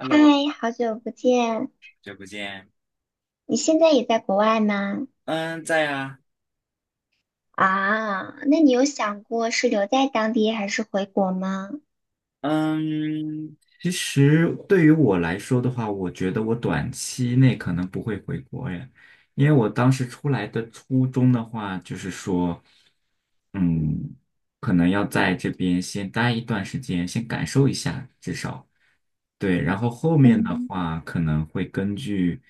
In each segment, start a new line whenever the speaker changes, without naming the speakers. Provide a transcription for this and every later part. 嗨，
好
好久不见！
久不见。
你现在也在国外吗？
嗯，在啊。
啊，那你有想过是留在当地还是回国吗？
嗯，其实对于我来说的话，我觉得我短期内可能不会回国耶，因为我当时出来的初衷的话，就是说，嗯，可能要在这边先待一段时间，先感受一下，至少。对，然后后面的
嗯
话可能会根据，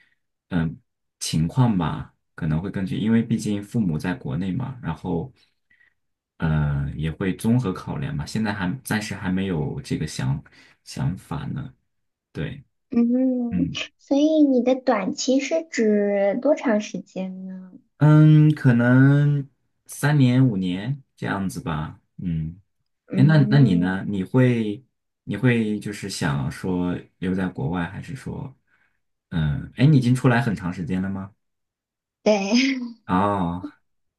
嗯，情况吧，可能会根据，因为毕竟父母在国内嘛，然后，也会综合考量嘛。现在还暂时还没有这个想法呢。对，
嗯。
嗯
所以你的短期是指多长时间呢？
嗯，可能3年5年这样子吧。嗯，哎，那你
嗯，
呢？你会就是想说留在国外，还是说，哎，你已经出来很长时间了吗？
对。
哦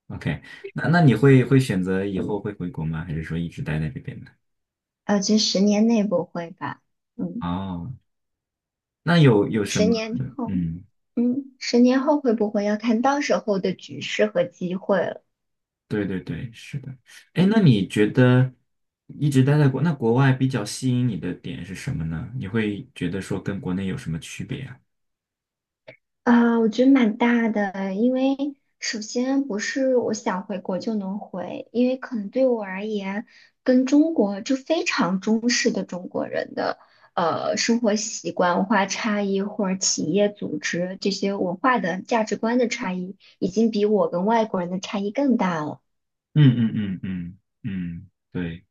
，OK，那你会选择以后会回国吗？还是说一直待在这边呢？
这10年内不会吧？嗯，
哦，那有什
十
么？
年后。
嗯，
十年后会不会要看到时候的局势和机会了？
对对对，是的。哎，那你觉得一直待在国，那国外比较吸引你的点是什么呢？你会觉得说跟国内有什么区别啊？
啊，我觉得蛮大的，因为首先不是我想回国就能回，因为可能对我而言，跟中国就非常中式的中国人的生活习惯、文化差异或者企业组织这些文化的价值观的差异，已经比我跟外国人的差异更大了。
嗯嗯嗯嗯嗯，对。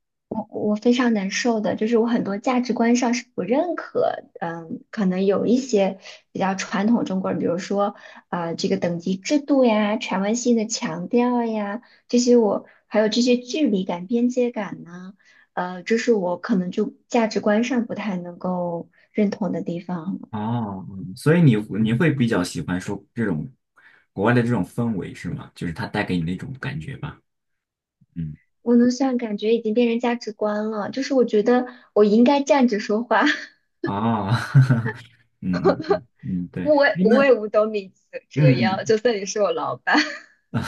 我非常难受的，就是我很多价值观上是不认可。嗯，可能有一些比较传统中国人，比如说啊、这个等级制度呀、权威性的强调呀，这些我还有这些距离感、边界感呢。这是我可能就价值观上不太能够认同的地方了。
哦，所以你会比较喜欢说这种国外的这种氛围是吗？就是它带给你那种感觉吧？嗯。
我能算感觉已经变成价值观了，就是我觉得我应该站着说话。
啊，嗯嗯嗯嗯，对，哎，
不为不
那
为五斗米折
嗯
折腰，
嗯
就算你是我老板。
啊，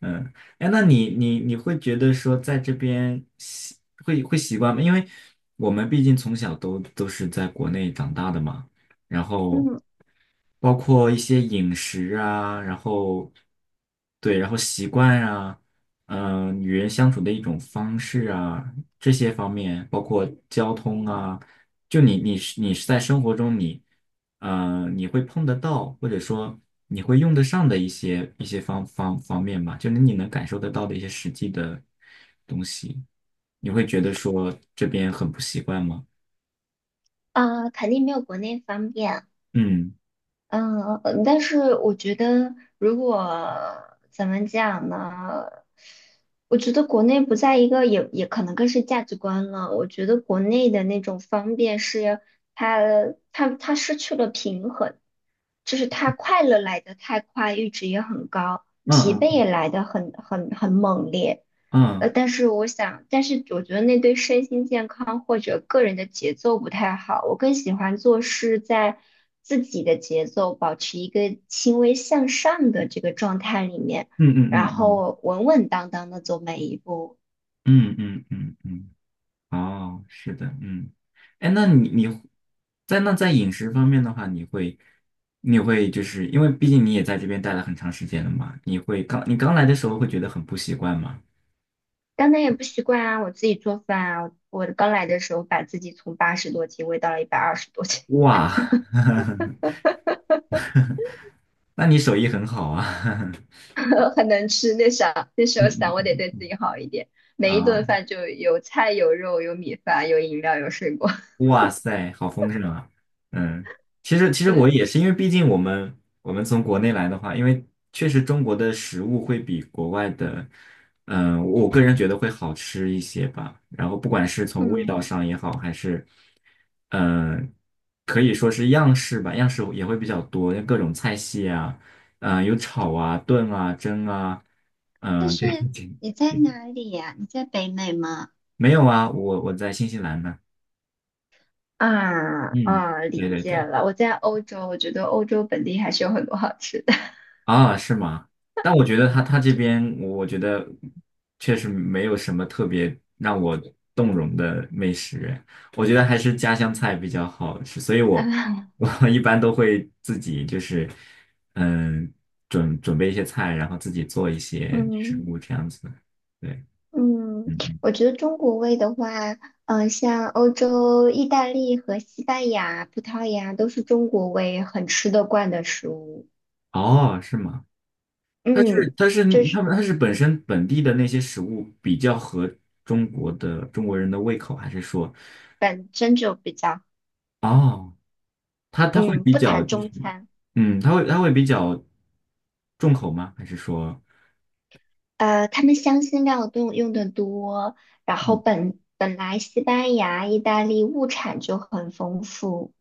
嗯，哎，那你会觉得说在这边会习惯吗？因为我们毕竟从小都是在国内长大的嘛，然 后
嗯。
包括一些饮食啊，然后对，然后习惯啊，嗯、与人相处的一种方式啊，这些方面，包括交通啊，就你是在生活中你。你会碰得到，或者说你会用得上的一些方面吧，就是你能感受得到的一些实际的东西，你会觉得说这边很不习惯吗？
啊、肯定没有国内方便。
嗯
但是我觉得，如果怎么讲呢？我觉得国内不在一个也可能更是价值观了。我觉得国内的那种方便是它它失去了平衡，就是它快乐来得太快，阈值也很高，疲惫也
嗯
来得很猛烈。
嗯
但是我觉得那对身心健康或者个人的节奏不太好。我更喜欢做事在自己的节奏，保持一个轻微向上的这个状态里面，
嗯嗯
然
嗯
后稳稳当当的走每一步。
嗯嗯嗯嗯嗯，哦，是的，嗯，哎，那你在饮食方面的话，你会就是因为毕竟你也在这边待了很长时间了嘛，你刚来的时候会觉得很不习惯吗？
当然也不习惯啊，我自己做饭啊，我刚来的时候把自己从80多斤喂到了120多斤。
哇，那你手艺很好啊，
很能吃。那啥，那时候想
嗯
我得
嗯
对
嗯，
自己好一点，每一顿
啊，
饭就有菜有肉有米饭有饮料有水果。
哇塞，好丰盛啊，嗯，其实其 实我
对。
也是，因为毕竟我们从国内来的话，因为确实中国的食物会比国外的，我个人觉得会好吃一些吧。然后不管是从味
嗯，
道上也好，还是，嗯、可以说是样式吧，样式也会比较多，各种菜系啊，有炒啊、炖啊、蒸啊，
但
嗯、这
是
这。
你在哪里呀？你在北美吗？
没有啊，我在新西兰呢。
啊
嗯，
啊，理
对对
解
对，
了。我在欧洲，我觉得欧洲本地还是有很多好吃的。
啊，是吗？但我觉得他这边，我觉得确实没有什么特别让我动容的美食，我觉得还是家乡菜比较好吃，所以我 我 一般都会自己就是嗯准备一些菜，然后自己做一些食
嗯
物这样子。对，
嗯，
嗯嗯，
我觉得中国味的话，像欧洲、意大利和西班牙、葡萄牙都是中国味很吃得惯的食物。
哦，是吗？它是
嗯，
它是
就
他
是
们它是本身本地的那些食物比较合中国的中国人的胃口，还是说，
本身就比较。
哦，它会
嗯，
比
不
较
谈
就
中
是，
餐。
嗯，它会比较重口吗？还是说，
他们香辛料都用的多，然后
嗯，
本来西班牙、意大利物产就很丰富，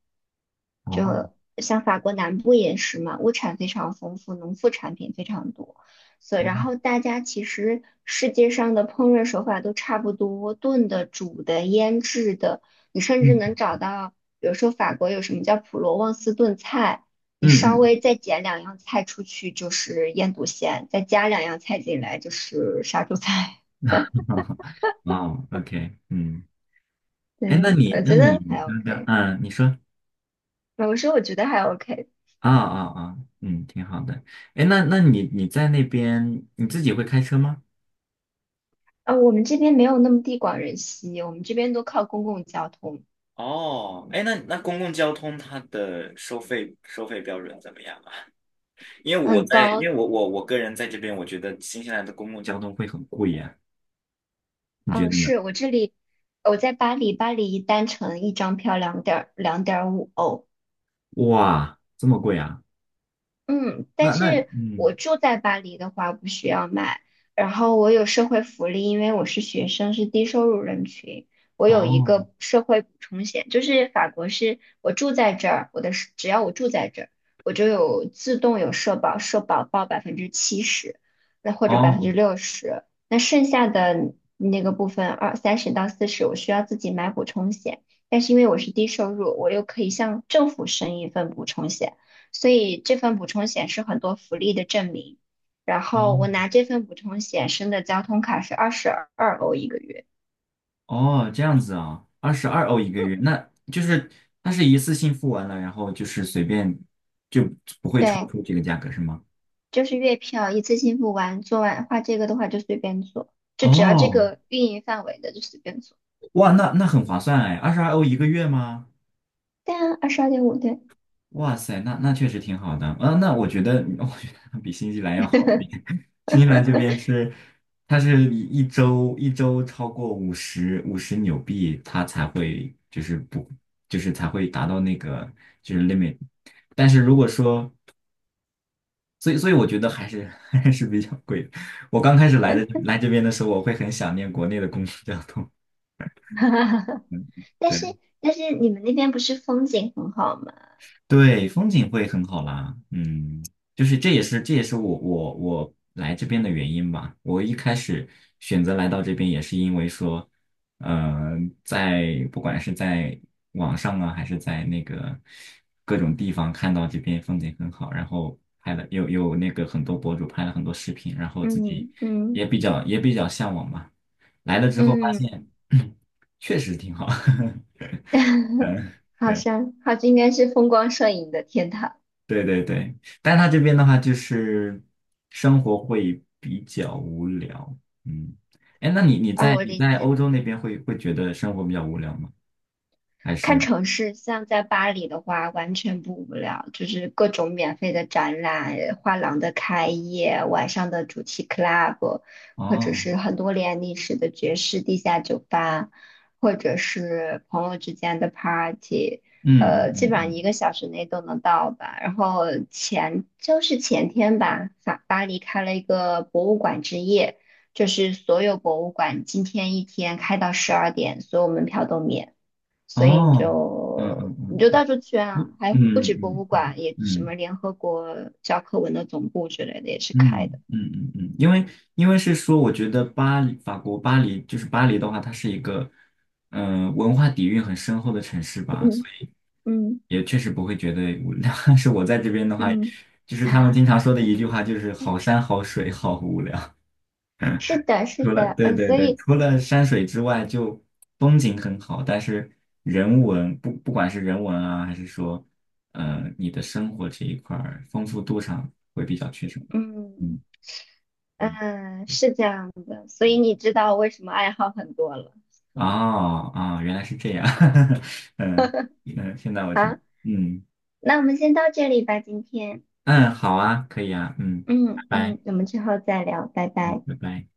哦，
像法国南部也是嘛，物产非常丰富，农副产品非常多，所以然后
哦
大家其实世界上的烹饪手法都差不多，炖的、煮的、腌制的，你甚至能
嗯
找到，比如说法国有什么叫普罗旺斯炖菜。你稍
嗯
微再减两样菜出去就是腌笃鲜，再加两样菜进来就是杀猪菜。
嗯 哦，OK，嗯，哎，那
对，
你
我
那
觉
哎
得
你
还
刚刚，
OK。
嗯，你说，
我说我觉得还 OK。
啊啊啊，嗯，挺好的，哎，那你在那边你自己会开车吗？
啊，我们这边没有那么地广人稀，我们这边都靠公共交通，
哦，哎，那公共交通它的收费标准怎么样啊？
很
因
高。
为我个人在这边，我觉得新西兰的公共交通会很贵呀，你觉
啊，
得呢？
是我这里，我在巴黎，巴黎单程一张票两点五欧。
哇，这么贵啊？
嗯，但
那那
是
嗯，
我住在巴黎的话不需要买，然后我有社会福利，因为我是学生，是低收入人群，我有一
哦
个社会补充险，就是法国是我住在这儿，我的是只要我住在这儿，我就有自动有社保，社保报70%，那或者百分
哦
之六十，那剩下的那个部分二三十到四十，我需要自己买补充险，但是因为我是低收入，我又可以向政府申一份补充险。所以这份补充险是很多福利的证明。然
哦
后我拿这份补充险申的交通卡是22欧1个月。
哦，这样子啊，二十二欧一个月，那就是它是一次性付完了，然后就是随便就不会超
对，
出这个价格是吗？
就是月票，一次性付完，做完画这个的话就随便做，就只要这
哦，
个运营范围的就随便做。
哇，那很划算哎，二十二欧一个月吗？
对啊，22.5对。
哇塞，那确实挺好的啊。那我觉得，我觉得比新西兰要好一点。新西兰这边是，它是一周超过五十纽币，它才会就是不就是才会达到那个就是 limit。但是如果说，所以我觉得还是 还是比较贵的。我刚开始来这边的时候，我会很想念国内的公共交通。嗯，
但
对。
是但是你们那边不是风景很好吗？
对，风景会很好啦。嗯，就是这也是我来这边的原因吧。我一开始选择来到这边也是因为说，呃，不管是在网上啊，还是在那个各种地方看到这边风景很好，然后拍了有有那个很多博主拍了很多视频，然后自己
嗯嗯
也比较向往吧。来了之后发
嗯。
现，确实挺好。嗯，
好
对。
像好像应该是风光摄影的天堂。
对对对，但他这边的话就是生活会比较无聊，嗯，哎，那你你
啊，
在
我
你
理
在
解。
欧洲那边会觉得生活比较无聊吗？还
看
是
城市，像在巴黎的话，完全不无聊，就是各种免费的展览、画廊的开业、晚上的主题 club，或者
哦，
是很多年历史的爵士地下酒吧，或者是朋友之间的 party。
嗯
基
嗯
本上一
嗯
个小时内都能到吧。然后就是前天吧，法巴黎开了一个博物馆之夜，就是所有博物馆今天一天开到十二点，所有门票都免。
嗯，
所以你
哦，嗯
就
嗯
你就
嗯
到处去啊，
嗯
还不
嗯嗯
止博
嗯
物馆，
嗯。
也什么
嗯
联合国教科文的总部之类的也是
嗯
开的。
嗯嗯嗯，因为是说，我觉得巴黎，法国巴黎就是巴黎的话，它是一个文化底蕴很深厚的城市吧，所
嗯
以
嗯
也确实不会觉得无聊。但是我在这边的话，
嗯，
就是他们经常说的一句话，就是好山好水好无聊。
是的，是的。
对对
所
对，
以
除了山水之外，就风景很好，但是人文不不管是人文啊，还是说你的生活这一块儿丰富度上会比较缺少。
嗯
嗯嗯。
是这样的，所以你知道为什么爱好很多了。
哦哦，原来是这样，嗯嗯，现在我知，
好，
嗯
那我们先到这里吧，今天。
嗯，好啊，可以啊，嗯，拜拜，
嗯，我们之后再聊，拜
嗯，
拜。
拜拜。